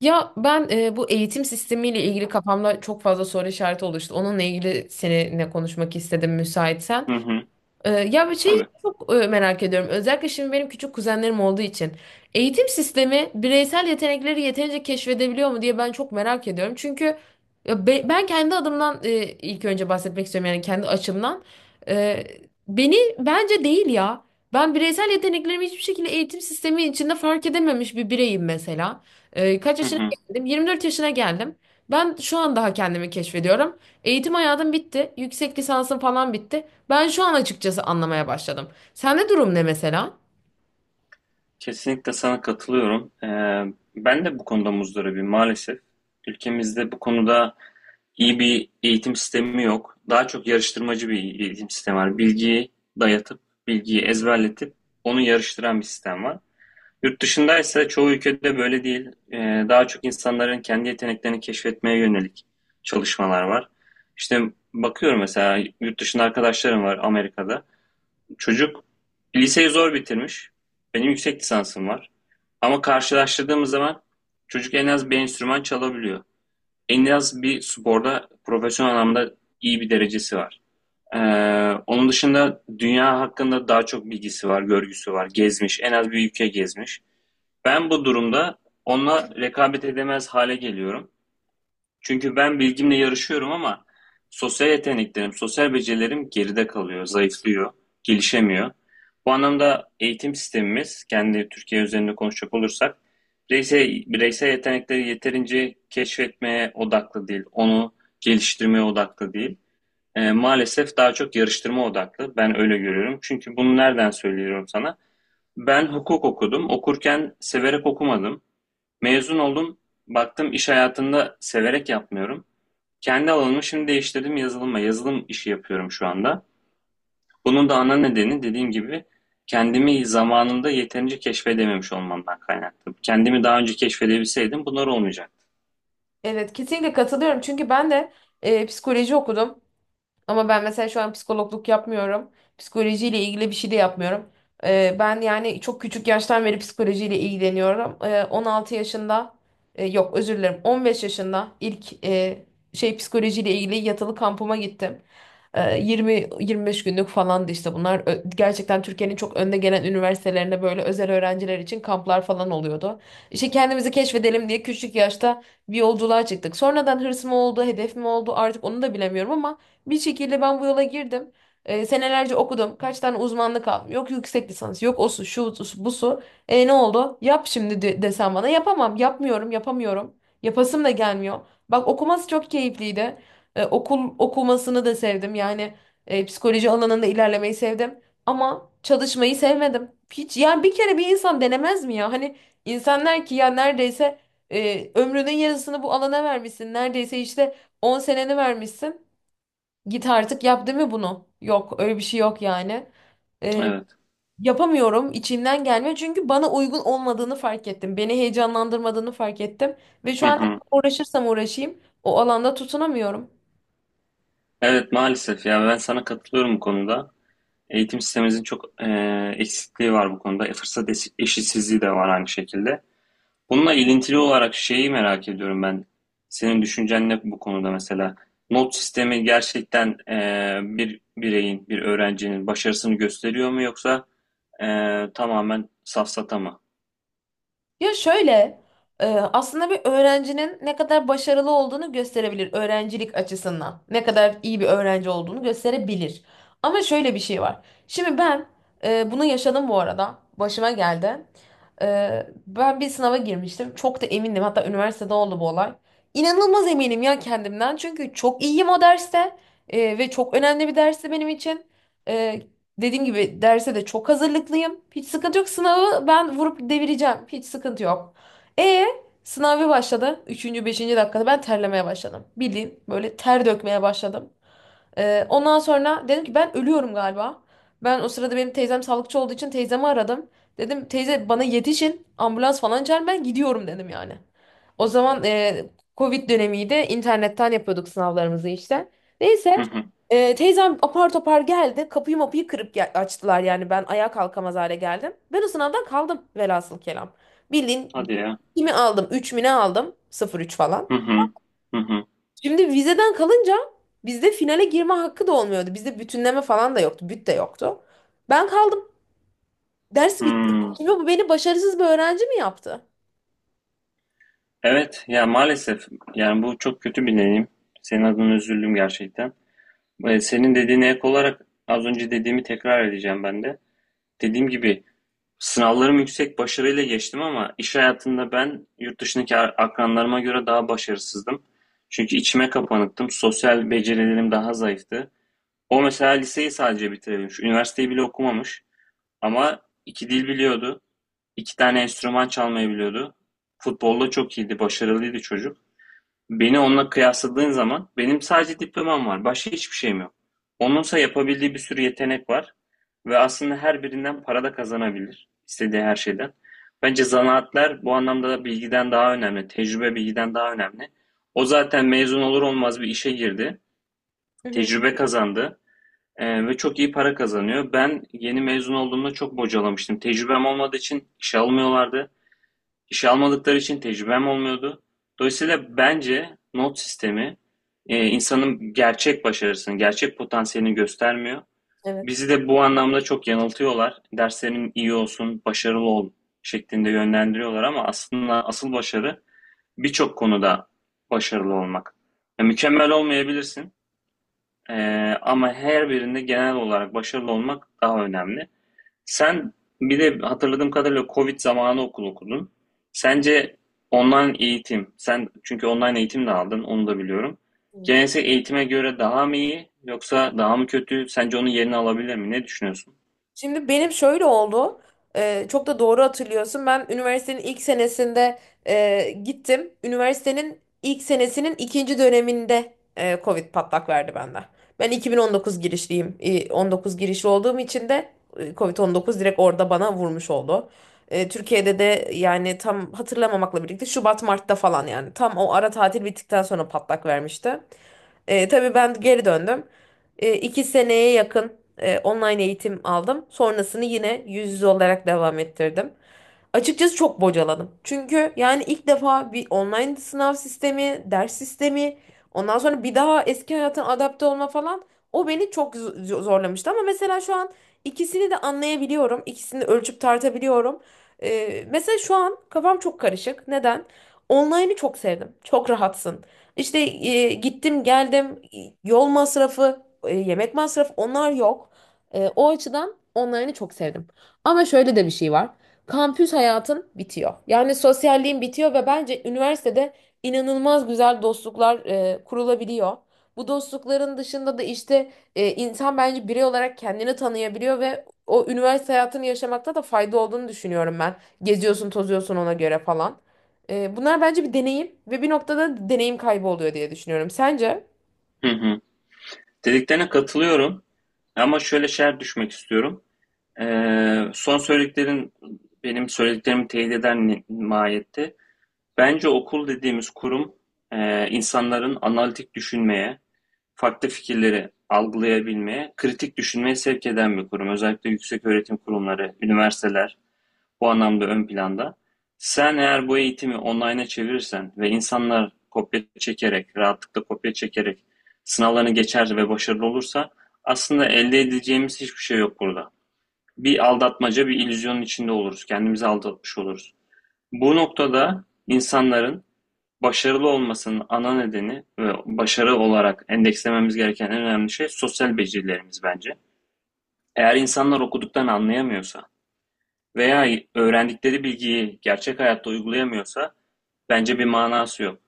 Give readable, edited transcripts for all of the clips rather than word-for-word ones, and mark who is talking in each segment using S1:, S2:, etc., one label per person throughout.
S1: Ya ben bu eğitim sistemiyle ilgili kafamda çok fazla soru işareti oluştu. Onunla ilgili seninle konuşmak istedim müsaitsen.
S2: Hı hı,
S1: Ya bir şeyi
S2: tabii.
S1: çok merak ediyorum. Özellikle şimdi benim küçük kuzenlerim olduğu için. Eğitim sistemi bireysel yetenekleri yeterince keşfedebiliyor mu diye ben çok merak ediyorum. Çünkü ya ben kendi adımdan ilk önce bahsetmek istiyorum yani kendi açımdan. Ee, beni bence değil ya. Ben bireysel yeteneklerimi hiçbir şekilde eğitim sistemi içinde fark edememiş bir bireyim mesela. Kaç
S2: Hı
S1: yaşına
S2: hı.
S1: geldim? 24 yaşına geldim. Ben şu an daha kendimi keşfediyorum. Eğitim hayatım bitti. Yüksek lisansım falan bitti. Ben şu an açıkçası anlamaya başladım. Sende durum ne mesela?
S2: Kesinlikle sana katılıyorum. Ben de bu konuda muzdaribim maalesef. Ülkemizde bu konuda iyi bir eğitim sistemi yok. Daha çok yarıştırmacı bir eğitim sistemi var. Bilgiyi dayatıp, bilgiyi ezberletip onu yarıştıran bir sistem var. Yurt dışında ise çoğu ülkede böyle değil. Daha çok insanların kendi yeteneklerini keşfetmeye yönelik çalışmalar var. İşte bakıyorum mesela yurt dışında arkadaşlarım var Amerika'da. Çocuk liseyi zor bitirmiş. Benim yüksek lisansım var. Ama karşılaştırdığımız zaman çocuk en az bir enstrüman çalabiliyor. En az bir sporda profesyonel anlamda iyi bir derecesi var. Ee, Onun dışında dünya hakkında daha çok bilgisi var, görgüsü var. Gezmiş, en az bir ülke gezmiş. Ben bu durumda onunla rekabet edemez hale geliyorum. Çünkü ben bilgimle yarışıyorum ama sosyal yeteneklerim, sosyal becerilerim geride kalıyor, zayıflıyor, gelişemiyor. Bu anlamda eğitim sistemimiz, kendi Türkiye üzerinde konuşacak olursak, bireysel yetenekleri yeterince keşfetmeye odaklı değil, onu geliştirmeye odaklı değil. Maalesef daha çok yarıştırma odaklı. Ben öyle görüyorum. Çünkü bunu nereden söylüyorum sana? Ben hukuk okudum. Okurken severek okumadım. Mezun oldum. Baktım iş hayatında severek yapmıyorum. Kendi alanımı şimdi değiştirdim yazılıma. Yazılım işi yapıyorum şu anda. Bunun da ana nedeni dediğim gibi kendimi zamanında yeterince keşfedememiş olmamdan kaynaklı. Kendimi daha önce keşfedebilseydim bunlar olmayacaktı.
S1: Evet, kesinlikle katılıyorum. Çünkü ben de psikoloji okudum. Ama ben mesela şu an psikologluk yapmıyorum. Psikolojiyle ilgili bir şey de yapmıyorum. Ben yani çok küçük yaştan beri psikolojiyle ilgileniyorum. 16 yaşında yok özür dilerim 15 yaşında ilk psikolojiyle ilgili yatılı kampıma gittim. 20 25 günlük falandı işte bunlar. Gerçekten Türkiye'nin çok önde gelen üniversitelerinde böyle özel öğrenciler için kamplar falan oluyordu. İşte kendimizi keşfedelim diye küçük yaşta bir yolculuğa çıktık. Sonradan hırs mı oldu, hedef mi oldu artık onu da bilemiyorum ama bir şekilde ben bu yola girdim. Senelerce okudum. Kaç tane uzmanlık aldım. Yok yüksek lisans, yok o su, şu su, bu su. E ne oldu? Yap şimdi de, desem bana. Yapamam, yapmıyorum, yapamıyorum. Yapasım da gelmiyor. Bak okuması çok keyifliydi. Okul okumasını da sevdim. Yani psikoloji alanında ilerlemeyi sevdim. Ama çalışmayı sevmedim. Hiç yani bir kere bir insan denemez mi ya? Hani insanlar ki ya neredeyse ömrünün yarısını bu alana vermişsin. Neredeyse işte 10 seneni vermişsin. Git artık yap değil mi bunu? Yok öyle bir şey yok yani. Ee,
S2: Evet.
S1: yapamıyorum içimden gelmiyor çünkü bana uygun olmadığını fark ettim. Beni heyecanlandırmadığını fark ettim. Ve
S2: Hı
S1: şu an
S2: hı.
S1: uğraşırsam uğraşayım o alanda tutunamıyorum.
S2: Evet maalesef ya, ben sana katılıyorum bu konuda. Eğitim sistemimizin çok eksikliği var bu konuda. Fırsat eşitsizliği de var aynı şekilde. Bununla ilintili olarak şeyi merak ediyorum ben. Senin düşüncen ne bu konuda mesela? Not sistemi gerçekten bir bireyin, bir öğrencinin başarısını gösteriyor mu, yoksa tamamen safsata mı?
S1: Ya şöyle, aslında bir öğrencinin ne kadar başarılı olduğunu gösterebilir öğrencilik açısından. Ne kadar iyi bir öğrenci olduğunu gösterebilir. Ama şöyle bir şey var. Şimdi ben bunu yaşadım bu arada. Başıma geldi. E, ben bir sınava girmiştim. Çok da emindim. Hatta üniversitede oldu bu olay. İnanılmaz eminim ya kendimden. Çünkü çok iyiyim o derste. Ve çok önemli bir dersti benim için. E, dediğim gibi derse de çok hazırlıklıyım. Hiç sıkıntı yok. Sınavı ben vurup devireceğim. Hiç sıkıntı yok. E sınav bir başladı. Üçüncü, beşinci dakikada ben terlemeye başladım. Bildiğin böyle ter dökmeye başladım. Ondan sonra dedim ki ben ölüyorum galiba. Ben o sırada benim teyzem sağlıkçı olduğu için teyzemi aradım. Dedim teyze bana yetişin ambulans falan çağırın ben gidiyorum dedim yani. O zaman Covid dönemiydi internetten yapıyorduk sınavlarımızı işte.
S2: Hı
S1: Neyse
S2: hı.
S1: teyzem apar topar geldi kapıyı mapıyı kırıp açtılar yani ben ayağa kalkamaz hale geldim. Ben o sınavdan kaldım velhasıl kelam. Bildiğin
S2: Hadi ya.
S1: kimi aldım 3 mü ne aldım sıfır üç falan.
S2: Hı hı. Hı hı.
S1: Şimdi vizeden kalınca bizde finale girme hakkı da olmuyordu. Bizde bütünleme falan da yoktu. Büt de yoktu. Ben kaldım. Ders bitti.
S2: Hmm.
S1: Şimdi bu beni başarısız bir öğrenci mi yaptı?
S2: Evet ya, maalesef yani bu çok kötü bir deneyim. Senin adına üzüldüm gerçekten. Ve senin dediğine ek olarak az önce dediğimi tekrar edeceğim ben de. Dediğim gibi sınavlarım yüksek başarıyla geçtim ama iş hayatında ben yurt dışındaki akranlarıma göre daha başarısızdım. Çünkü içime kapanıktım. Sosyal becerilerim daha zayıftı. O mesela liseyi sadece bitirebilmiş. Üniversiteyi bile okumamış. Ama iki dil biliyordu. İki tane enstrüman çalmayı biliyordu. Futbolda çok iyiydi, başarılıydı çocuk. Beni onunla kıyasladığın zaman benim sadece diplomam var. Başka hiçbir şeyim yok. Onunsa yapabildiği bir sürü yetenek var ve aslında her birinden para da kazanabilir. İstediği her şeyden. Bence zanaatler bu anlamda da bilgiden daha önemli. Tecrübe bilgiden daha önemli. O zaten mezun olur olmaz bir işe girdi.
S1: Hı hı.
S2: Tecrübe kazandı. Ve çok iyi para kazanıyor. Ben yeni mezun olduğumda çok bocalamıştım. Tecrübem olmadığı için işe almıyorlardı. İşe almadıkları için tecrübem olmuyordu. Dolayısıyla bence not sistemi insanın gerçek başarısını, gerçek potansiyelini göstermiyor.
S1: Evet.
S2: Bizi de bu anlamda çok yanıltıyorlar. Derslerin iyi olsun, başarılı ol şeklinde yönlendiriyorlar ama aslında asıl başarı birçok konuda başarılı olmak. Ya, mükemmel olmayabilirsin, e, ama her birinde genel olarak başarılı olmak daha önemli. Sen bir de hatırladığım kadarıyla Covid zamanı okul okudun. Sence online eğitim, sen çünkü online eğitim de aldın, onu da biliyorum,
S1: Hı.
S2: geleneksel eğitime göre daha mı iyi yoksa daha mı kötü? Sence onun yerini alabilir mi? Ne düşünüyorsun?
S1: Şimdi benim şöyle oldu. Çok da doğru hatırlıyorsun. Ben üniversitenin ilk senesinde gittim. Üniversitenin ilk senesinin ikinci döneminde Covid patlak verdi bende. Ben 2019 girişliyim. 19 girişli olduğum için de Covid-19 direkt orada bana vurmuş oldu. Türkiye'de de yani tam hatırlamamakla birlikte Şubat Mart'ta falan yani tam o ara tatil bittikten sonra patlak vermişti. Tabii ben geri döndüm. İki seneye yakın online eğitim aldım. Sonrasını yine yüz yüze olarak devam ettirdim. Açıkçası çok bocaladım. Çünkü yani ilk defa bir online sınav sistemi, ders sistemi, ondan sonra bir daha eski hayatına adapte olma falan o beni çok zorlamıştı. Ama mesela şu an ikisini de anlayabiliyorum. İkisini de ölçüp tartabiliyorum. Mesela şu an kafam çok karışık. Neden? Online'ı çok sevdim. Çok rahatsın. İşte gittim geldim yol masrafı, yemek masrafı onlar yok. O açıdan online'ı çok sevdim. Ama şöyle de bir şey var. Kampüs hayatın bitiyor. Yani sosyalliğin bitiyor ve bence üniversitede inanılmaz güzel dostluklar kurulabiliyor. Bu dostlukların dışında da işte insan bence birey olarak kendini tanıyabiliyor ve o üniversite hayatını yaşamakta da fayda olduğunu düşünüyorum ben. Geziyorsun, tozuyorsun ona göre falan. Bunlar bence bir deneyim ve bir noktada deneyim kaybı oluyor diye düşünüyorum. Sence?
S2: Hı hı. Dediklerine katılıyorum ama şöyle şer düşmek istiyorum. Son söylediklerin benim söylediklerimi teyit eden mahiyette. Bence okul dediğimiz kurum insanların analitik düşünmeye, farklı fikirleri algılayabilmeye, kritik düşünmeye sevk eden bir kurum. Özellikle yükseköğretim kurumları, üniversiteler bu anlamda ön planda. Sen eğer bu eğitimi online'a çevirirsen ve insanlar kopya çekerek, rahatlıkla kopya çekerek sınavlarını geçer ve başarılı olursa aslında elde edeceğimiz hiçbir şey yok burada. Bir aldatmaca, bir illüzyonun içinde oluruz. Kendimizi aldatmış oluruz. Bu noktada insanların başarılı olmasının ana nedeni ve başarı olarak endekslememiz gereken en önemli şey sosyal becerilerimiz bence. Eğer insanlar okuduktan anlayamıyorsa veya öğrendikleri bilgiyi gerçek hayatta uygulayamıyorsa bence bir manası yok.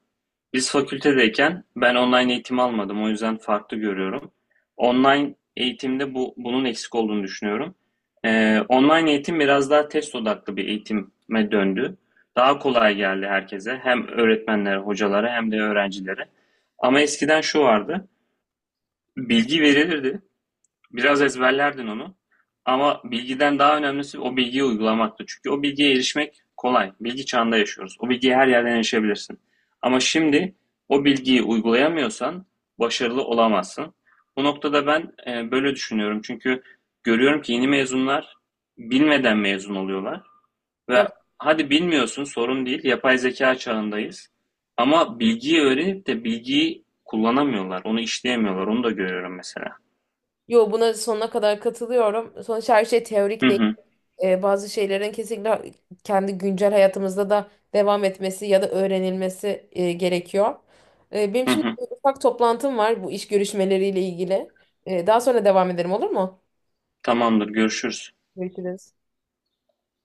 S2: Biz fakültedeyken ben online eğitim almadım. O yüzden farklı görüyorum. Online eğitimde bu bunun eksik olduğunu düşünüyorum. Online eğitim biraz daha test odaklı bir eğitime döndü. Daha kolay geldi herkese. Hem öğretmenlere, hocalara hem de öğrencilere. Ama eskiden şu vardı. Bilgi verilirdi. Biraz ezberlerdin onu. Ama bilgiden daha önemlisi o bilgiyi uygulamaktı. Çünkü o bilgiye erişmek kolay. Bilgi çağında yaşıyoruz. O bilgiye her yerden erişebilirsin. Ama şimdi o bilgiyi uygulayamıyorsan başarılı olamazsın. Bu noktada ben böyle düşünüyorum. Çünkü görüyorum ki yeni mezunlar bilmeden mezun oluyorlar. Ve
S1: Evet.
S2: hadi bilmiyorsun, sorun değil. Yapay zeka çağındayız. Ama bilgiyi öğrenip de bilgiyi kullanamıyorlar. Onu işleyemiyorlar. Onu da görüyorum mesela.
S1: Yo buna sonuna kadar katılıyorum. Sonuçta her şey
S2: Hı
S1: teorik değil.
S2: hı.
S1: Bazı şeylerin kesinlikle kendi güncel hayatımızda da devam etmesi ya da öğrenilmesi gerekiyor. Benim
S2: Hı
S1: şimdi
S2: hı.
S1: bir ufak toplantım var bu iş görüşmeleriyle ilgili. Daha sonra devam ederim olur mu?
S2: Tamamdır, görüşürüz.
S1: Görüşürüz.